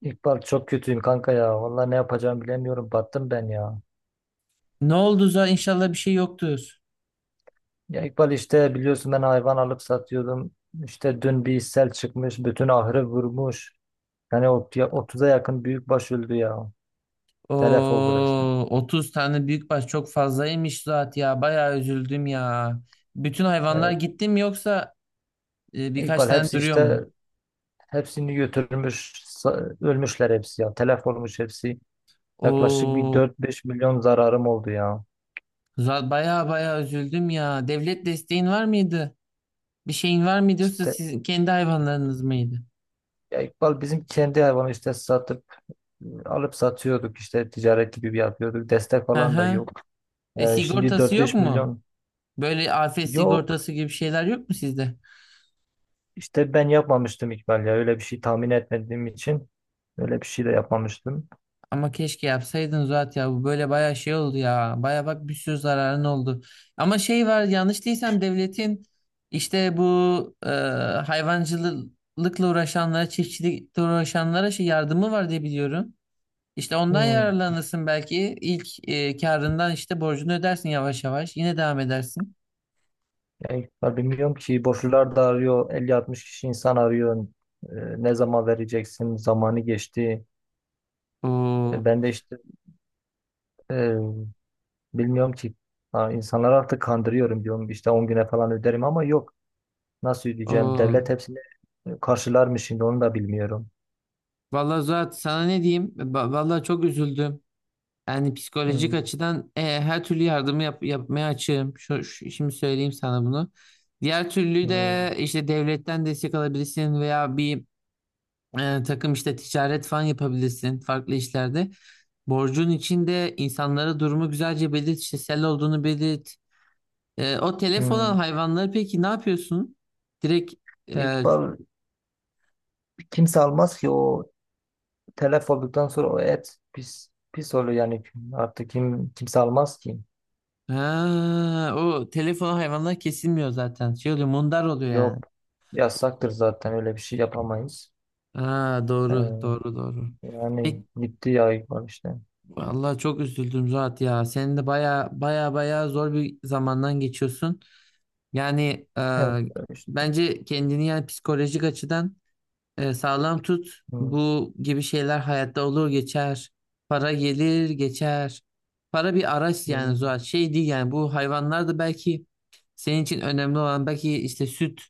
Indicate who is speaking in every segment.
Speaker 1: İkbal, çok kötüyüm kanka ya. Vallahi ne yapacağımı bilemiyorum. Battım ben ya.
Speaker 2: Ne oldu Zuhal? İnşallah bir şey yoktur.
Speaker 1: Ya İkbal, işte biliyorsun, ben hayvan alıp satıyordum. İşte dün bir sel çıkmış. Bütün ahırı vurmuş. Yani 30'a yakın büyükbaş öldü ya. Telef oldu resmen.
Speaker 2: Oo, 30 tane büyükbaş çok fazlaymış Zuhat ya. Bayağı üzüldüm ya. Bütün hayvanlar
Speaker 1: Evet.
Speaker 2: gitti mi yoksa birkaç
Speaker 1: İkbal
Speaker 2: tane
Speaker 1: hepsi
Speaker 2: duruyor
Speaker 1: işte,
Speaker 2: mu?
Speaker 1: hepsini götürmüş. Ölmüşler hepsi ya. Telef olmuş hepsi. Yaklaşık bir
Speaker 2: Oo,
Speaker 1: 4-5 milyon zararım oldu ya.
Speaker 2: Zuhat bayağı bayağı üzüldüm ya. Devlet desteğin var mıydı? Bir şeyin var mıydı yoksa
Speaker 1: İşte
Speaker 2: sizin kendi hayvanlarınız mıydı?
Speaker 1: ya İkbal, bizim kendi hayvanı işte satıp alıp satıyorduk, işte ticaret gibi bir yapıyorduk. Destek
Speaker 2: Hı
Speaker 1: falan da
Speaker 2: hı.
Speaker 1: yok.
Speaker 2: E,
Speaker 1: Şimdi
Speaker 2: sigortası
Speaker 1: dört
Speaker 2: yok
Speaker 1: beş
Speaker 2: mu?
Speaker 1: milyon
Speaker 2: Böyle afet
Speaker 1: yok.
Speaker 2: sigortası gibi şeyler yok mu sizde?
Speaker 1: İşte ben yapmamıştım İkbal ya. Öyle bir şey tahmin etmediğim için öyle bir şey de yapmamıştım.
Speaker 2: Ama keşke yapsaydın Zuhat ya. Bu böyle baya şey oldu ya. Baya bak bir sürü zararın oldu. Ama şey var yanlış değilsem devletin işte bu hayvancılıkla uğraşanlara, çiftçilikle uğraşanlara şey yardımı var diye biliyorum. İşte ondan
Speaker 1: Hmm.
Speaker 2: yararlanırsın belki. İlk karından işte borcunu ödersin yavaş yavaş. Yine devam edersin.
Speaker 1: Ya İkbal, bilmiyorum ki, borçlular da arıyor. 50-60 kişi insan arıyor. Ee, Ne zaman vereceksin? Zamanı geçti. E,
Speaker 2: Oo,
Speaker 1: ben de işte, e, bilmiyorum ki. Ha, insanları artık kandırıyorum diyorum. İşte 10 güne falan öderim ama yok. Nasıl ödeyeceğim?
Speaker 2: oo.
Speaker 1: Devlet hepsini karşılar mı şimdi, onu da bilmiyorum.
Speaker 2: Vallahi Zuhat sana ne diyeyim? Vallahi çok üzüldüm. Yani psikolojik
Speaker 1: Hmm.
Speaker 2: açıdan her türlü yardımı yapmaya açığım. Şimdi söyleyeyim sana bunu. Diğer türlü
Speaker 1: Hmm.
Speaker 2: de işte devletten destek alabilirsin veya bir takım işte ticaret falan yapabilirsin farklı işlerde. Borcun içinde insanlara durumu güzelce belirt, işte sel olduğunu belirt. E, o telef
Speaker 1: Hmm.
Speaker 2: olan hayvanları peki ne yapıyorsun? Direkt e,
Speaker 1: İkbal, kimse almaz ki o, telef olduktan sonra o et pis pis oluyor yani, artık kimse almaz ki.
Speaker 2: ha, o telef olan hayvanlar kesilmiyor zaten. Şey oluyor, mundar oluyor yani.
Speaker 1: Yok, yasaktır zaten, öyle bir şey yapamayız.
Speaker 2: Ha, doğru, doğru,
Speaker 1: Ee,
Speaker 2: doğru.
Speaker 1: Yani
Speaker 2: Peki,
Speaker 1: gitti ya, var işte.
Speaker 2: vallahi çok üzüldüm Zuhat ya. Senin de baya baya baya zor bir zamandan geçiyorsun. Yani
Speaker 1: Evet, işte.
Speaker 2: bence kendini yani psikolojik açıdan sağlam tut.
Speaker 1: Hmm,
Speaker 2: Bu gibi şeyler hayatta olur geçer. Para gelir geçer. Para bir araç yani
Speaker 1: bilmiyorum.
Speaker 2: Zuhat. Şey değil yani bu hayvanlar da belki senin için önemli olan belki işte süt.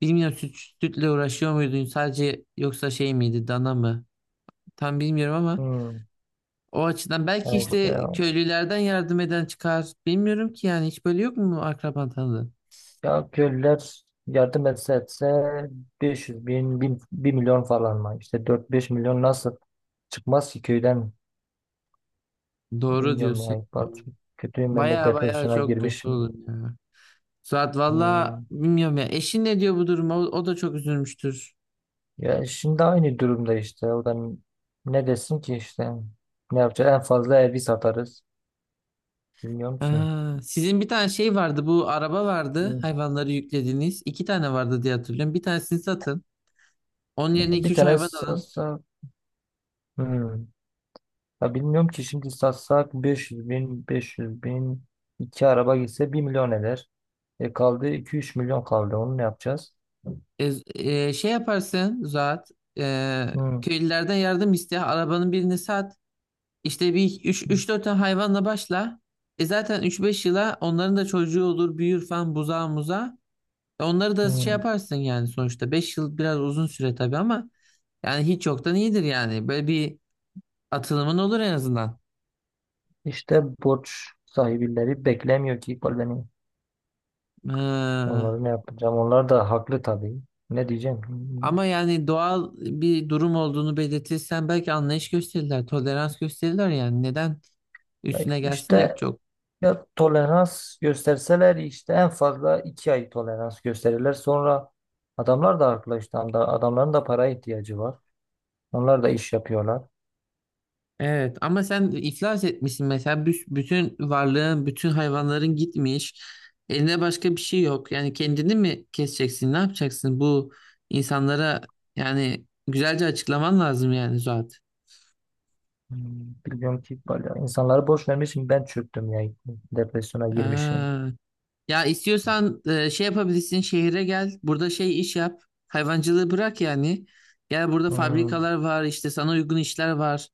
Speaker 2: Bilmiyorum süt, sütle uğraşıyor muydun sadece yoksa şey miydi dana mı? Tam bilmiyorum ama.
Speaker 1: Hmm,
Speaker 2: O açıdan belki
Speaker 1: ha işte ya.
Speaker 2: işte köylülerden yardım eden çıkar. Bilmiyorum ki yani hiç böyle yok mu akraban tanıdığın?
Speaker 1: Ya köylüler yardım etse etse 500 bin, 1-1 milyon falan mı? İşte 4-5 milyon nasıl çıkmaz ki köyden?
Speaker 2: Doğru
Speaker 1: Bilmiyorum
Speaker 2: diyorsun.
Speaker 1: ya, İkbal. Çok kötüyüm, ben de
Speaker 2: Baya baya
Speaker 1: depresyona
Speaker 2: çok kötü
Speaker 1: girmişim.
Speaker 2: olur ya. Suat valla
Speaker 1: Hmm.
Speaker 2: bilmiyorum ya. Eşin ne diyor bu duruma? O da çok üzülmüştür.
Speaker 1: Ya şimdi aynı durumda işte. O da ne desin ki işte. Ne yapacağız? En fazla evi satarız. Bilmiyorum ki.
Speaker 2: Aa, sizin bir tane şey vardı. Bu araba vardı.
Speaker 1: Hı.
Speaker 2: Hayvanları yüklediğiniz. İki tane vardı diye hatırlıyorum. Bir tanesini satın. Onun yerine iki
Speaker 1: Bir
Speaker 2: üç
Speaker 1: tane
Speaker 2: hayvan alın.
Speaker 1: satsak. Hmm. Ya bilmiyorum ki, şimdi satsak 500 bin, 500 bin, iki araba gitse 1 milyon eder. E kaldı iki üç milyon kaldı. Onu ne yapacağız?
Speaker 2: E, şey yaparsın Suat. E,
Speaker 1: Hmm.
Speaker 2: köylülerden yardım iste. Arabanın birini sat. İşte bir üç dört tane hayvanla başla. E zaten üç beş yıla onların da çocuğu olur, büyür falan buzağa muza. E onları da şey
Speaker 1: Hmm.
Speaker 2: yaparsın yani sonuçta. 5 yıl biraz uzun süre tabii ama yani hiç yoktan iyidir yani. Böyle bir atılımın olur en azından.
Speaker 1: İşte borç sahibileri beklemiyor ki beni.
Speaker 2: Ee,
Speaker 1: Onları ne yapacağım? Onlar da haklı tabii. Ne diyeceğim? Hmm.
Speaker 2: ama yani doğal bir durum olduğunu belirtirsen belki anlayış gösterirler, tolerans gösterirler yani. Neden
Speaker 1: Ya
Speaker 2: üstüne gelsinler ki
Speaker 1: İşte
Speaker 2: çok?
Speaker 1: Ya tolerans gösterseler, işte en fazla 2 ay tolerans gösterirler. Sonra adamlar da haklı işte. Adamların da para ihtiyacı var. Onlar da iş yapıyorlar.
Speaker 2: Evet ama sen iflas etmişsin mesela. Bütün varlığın, bütün hayvanların gitmiş. Eline başka bir şey yok. Yani kendini mi keseceksin? Ne yapacaksın? Bu insanlara yani güzelce açıklaman lazım yani Zuhat.
Speaker 1: Hmm, bilmiyorum ki, bayağı insanları boş vermişim. Ben çöktüm ya. Depresyona girmişim.
Speaker 2: Ha. Ya istiyorsan şey yapabilirsin şehire gel. Burada şey iş yap. Hayvancılığı bırak yani. Gel burada
Speaker 1: Hmm,
Speaker 2: fabrikalar var işte sana uygun işler var.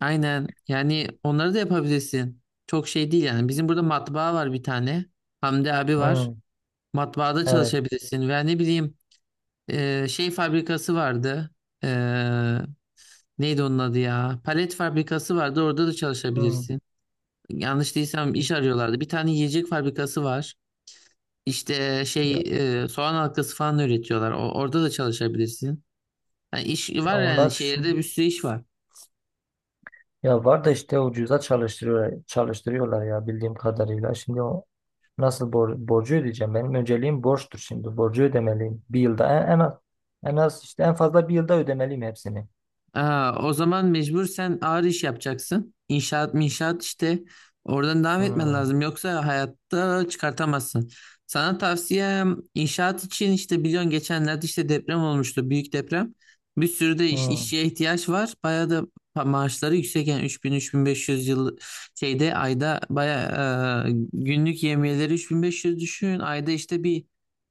Speaker 2: Aynen. Yani onları da yapabilirsin. Çok şey değil yani. Bizim burada matbaa var bir tane. Hamdi abi var.
Speaker 1: hmm,
Speaker 2: Matbaada
Speaker 1: evet.
Speaker 2: çalışabilirsin. Veya ne bileyim şey fabrikası vardı. E, neydi onun adı ya? Palet fabrikası vardı. Orada da
Speaker 1: Hmm.
Speaker 2: çalışabilirsin. Yanlış değilsem iş arıyorlardı. Bir tane yiyecek fabrikası var. İşte
Speaker 1: Ya,
Speaker 2: şey soğan halkası falan üretiyorlar. Orada da çalışabilirsin. Yani iş
Speaker 1: ya
Speaker 2: var yani
Speaker 1: onlar
Speaker 2: şehirde bir
Speaker 1: şimdi,
Speaker 2: sürü iş var.
Speaker 1: ya var da işte ucuza çalıştırıyorlar ya, bildiğim kadarıyla. Şimdi o, nasıl borcu ödeyeceğim? Benim önceliğim borçtur şimdi. Borcu ödemeliyim. Bir yılda en, en az en az işte en fazla 1 yılda ödemeliyim hepsini.
Speaker 2: Aa, o zaman mecbur sen ağır iş yapacaksın. İnşaat işte oradan devam etmen
Speaker 1: Hmm,
Speaker 2: lazım. Yoksa hayatta çıkartamazsın. Sana tavsiyem inşaat için işte biliyorsun geçenlerde işte deprem olmuştu. Büyük deprem. Bir sürü de
Speaker 1: hmm,
Speaker 2: işçiye ihtiyaç var. Bayağı da maaşları yüksek yani 3.000-3.500 yıl şeyde ayda bayağı günlük yemiyeleri 3500 düşün. Ayda işte bir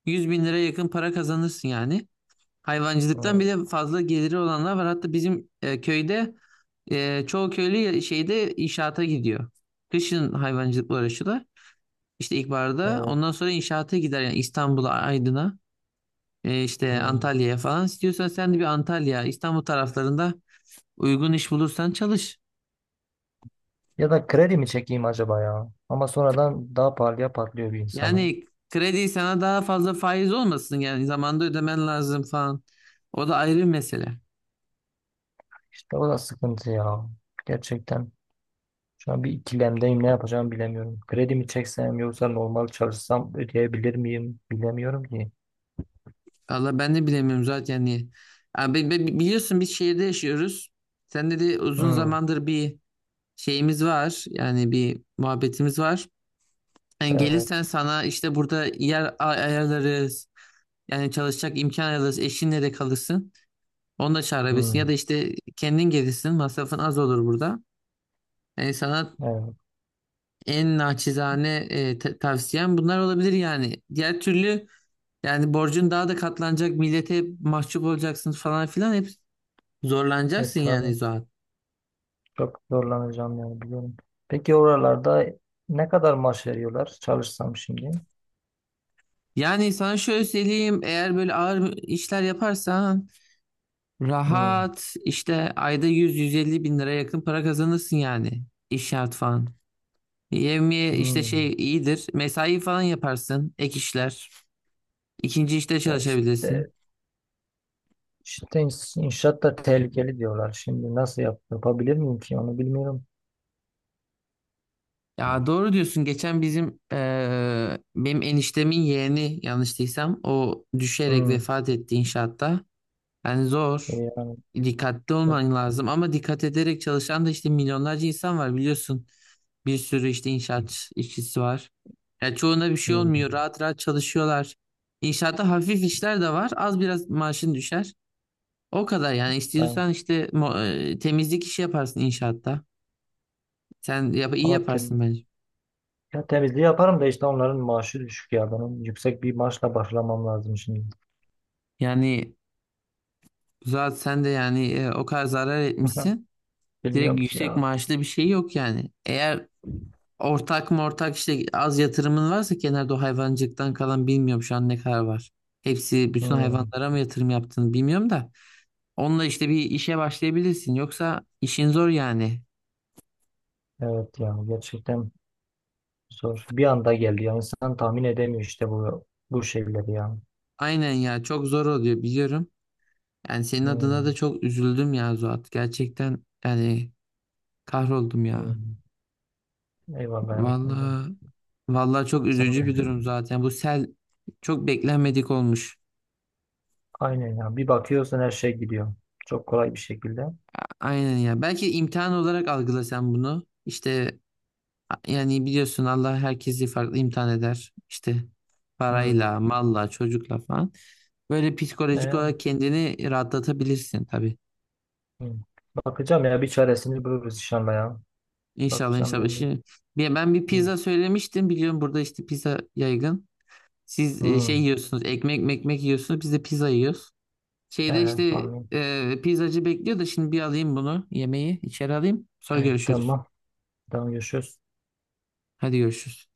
Speaker 2: 100 bin lira yakın para kazanırsın yani. Hayvancılıktan
Speaker 1: hmm,
Speaker 2: bir de fazla geliri olanlar var. Hatta bizim köyde çoğu köylü şeyde inşaata gidiyor. Kışın hayvancılıkla uğraşıyorlar. İşte ilkbaharda
Speaker 1: evet,
Speaker 2: ondan sonra inşaata gider yani İstanbul'a, Aydın'a, işte
Speaker 1: hmm.
Speaker 2: Antalya'ya falan. İstiyorsan sen de bir Antalya, İstanbul taraflarında uygun iş bulursan çalış.
Speaker 1: Ya da kredi mi çekeyim acaba ya? Ama sonradan daha pahalıya patlıyor bir insanı.
Speaker 2: Yani kredi sana daha fazla faiz olmasın yani zamanda ödemen lazım falan. O da ayrı bir mesele.
Speaker 1: İşte o da sıkıntı ya. Gerçekten şu an bir ikilemdeyim. Ne yapacağımı bilemiyorum. Kredi mi çeksem, yoksa normal çalışsam ödeyebilir miyim? Bilemiyorum ki.
Speaker 2: Valla ben de bilemiyorum zaten niye. Abi, biliyorsun biz şehirde yaşıyoruz. Sen de de uzun
Speaker 1: Hmm,
Speaker 2: zamandır bir şeyimiz var. Yani bir muhabbetimiz var. Yani gelirsen
Speaker 1: evet.
Speaker 2: sana işte burada yer ayarlarız. Yani çalışacak imkan ayarlarız. Eşinle de kalırsın. Onu da çağırabilirsin. Ya da
Speaker 1: Hmm,
Speaker 2: işte kendin gelirsin. Masrafın az olur burada. Yani sana
Speaker 1: evet.
Speaker 2: en naçizane tavsiyem bunlar olabilir yani. Diğer türlü yani borcun daha da katlanacak. Millete mahcup olacaksın falan filan. Hep
Speaker 1: E
Speaker 2: zorlanacaksın yani
Speaker 1: tabii.
Speaker 2: zaten.
Speaker 1: Çok zorlanacağım yani, biliyorum. Peki oralarda ne kadar maaş veriyorlar, çalışsam şimdi?
Speaker 2: Yani sana şöyle söyleyeyim, eğer böyle ağır işler yaparsan
Speaker 1: Hmm,
Speaker 2: rahat işte ayda yüz, 150 bin lira yakın para kazanırsın yani iş şart falan. Yevmiye işte
Speaker 1: hmm.
Speaker 2: şey iyidir, mesai falan yaparsın, ek işler ikinci işte
Speaker 1: Ya
Speaker 2: çalışabilirsin.
Speaker 1: işte inşaat da tehlikeli diyorlar. Şimdi nasıl yapabilir miyim ki onu, bilmiyorum.
Speaker 2: Ya doğru diyorsun geçen bizim benim eniştemin yeğeni yanlış değilsem o düşerek
Speaker 1: Hmm.
Speaker 2: vefat etti inşaatta. Yani
Speaker 1: E
Speaker 2: zor.
Speaker 1: ya,
Speaker 2: Dikkatli
Speaker 1: çok
Speaker 2: olman lazım ama dikkat ederek çalışan da işte milyonlarca insan var biliyorsun. Bir sürü işte inşaat işçisi var. Ya çoğuna bir şey olmuyor.
Speaker 1: hmm.
Speaker 2: Rahat rahat çalışıyorlar. İnşaatta hafif işler de var. Az biraz maaşın düşer. O kadar yani
Speaker 1: Ben
Speaker 2: istiyorsan işte temizlik işi yaparsın inşaatta. Sen yap iyi
Speaker 1: ama
Speaker 2: yaparsın
Speaker 1: tem
Speaker 2: bence.
Speaker 1: ya temizliği yaparım da işte onların maaşı düşük ya. Benim yüksek bir maaşla başlamam lazım şimdi.
Speaker 2: Yani zaten sen de yani o kadar zarar etmişsin. Direkt
Speaker 1: Bilmiyorum ki
Speaker 2: yüksek
Speaker 1: ya.
Speaker 2: maaşlı bir şey yok yani. Eğer ortak mı ortak işte az yatırımın varsa kenarda o hayvancıktan kalan bilmiyorum şu an ne kadar var. Hepsi bütün
Speaker 1: Hmm.
Speaker 2: hayvanlara mı yatırım yaptığını bilmiyorum da. Onunla işte bir işe başlayabilirsin. Yoksa işin zor yani.
Speaker 1: Evet ya, gerçekten zor. Bir anda geldi. Yani insan tahmin edemiyor işte bu şeyleri ya.
Speaker 2: Aynen ya çok zor oluyor biliyorum. Yani senin adına da
Speaker 1: Hmm,
Speaker 2: çok üzüldüm ya Zuhat. Gerçekten yani kahroldum ya.
Speaker 1: hmm. Eyvallah ya. Tamam.
Speaker 2: Vallahi vallahi çok
Speaker 1: Sen
Speaker 2: üzücü
Speaker 1: de.
Speaker 2: bir durum zaten. Bu sel çok beklenmedik olmuş.
Speaker 1: Aynen ya. Bir bakıyorsun, her şey gidiyor. Çok kolay bir şekilde.
Speaker 2: Aynen ya. Belki imtihan olarak algılasan bunu. İşte yani biliyorsun Allah herkesi farklı imtihan eder. İşte
Speaker 1: Hmm.
Speaker 2: parayla, malla, çocukla falan. Böyle
Speaker 1: Ne?
Speaker 2: psikolojik
Speaker 1: Ya?
Speaker 2: olarak kendini rahatlatabilirsin tabii.
Speaker 1: Hmm. Bakacağım ya. Bir çaresini buluruz inşallah ya.
Speaker 2: İnşallah
Speaker 1: Bakacağım
Speaker 2: inşallah.
Speaker 1: ben de.
Speaker 2: Şimdi ben bir
Speaker 1: Hmm.
Speaker 2: pizza söylemiştim. Biliyorum burada işte pizza yaygın. Siz şey
Speaker 1: Hmm.
Speaker 2: yiyorsunuz, ekmek yiyorsunuz. Biz de pizza yiyoruz. Şeyde
Speaker 1: Ee,
Speaker 2: işte
Speaker 1: Amin.
Speaker 2: pizzacı bekliyor da şimdi bir alayım bunu, yemeği içeri alayım. Sonra
Speaker 1: Evet,
Speaker 2: görüşürüz.
Speaker 1: tamam. Tamam, görüşürüz.
Speaker 2: Hadi görüşürüz.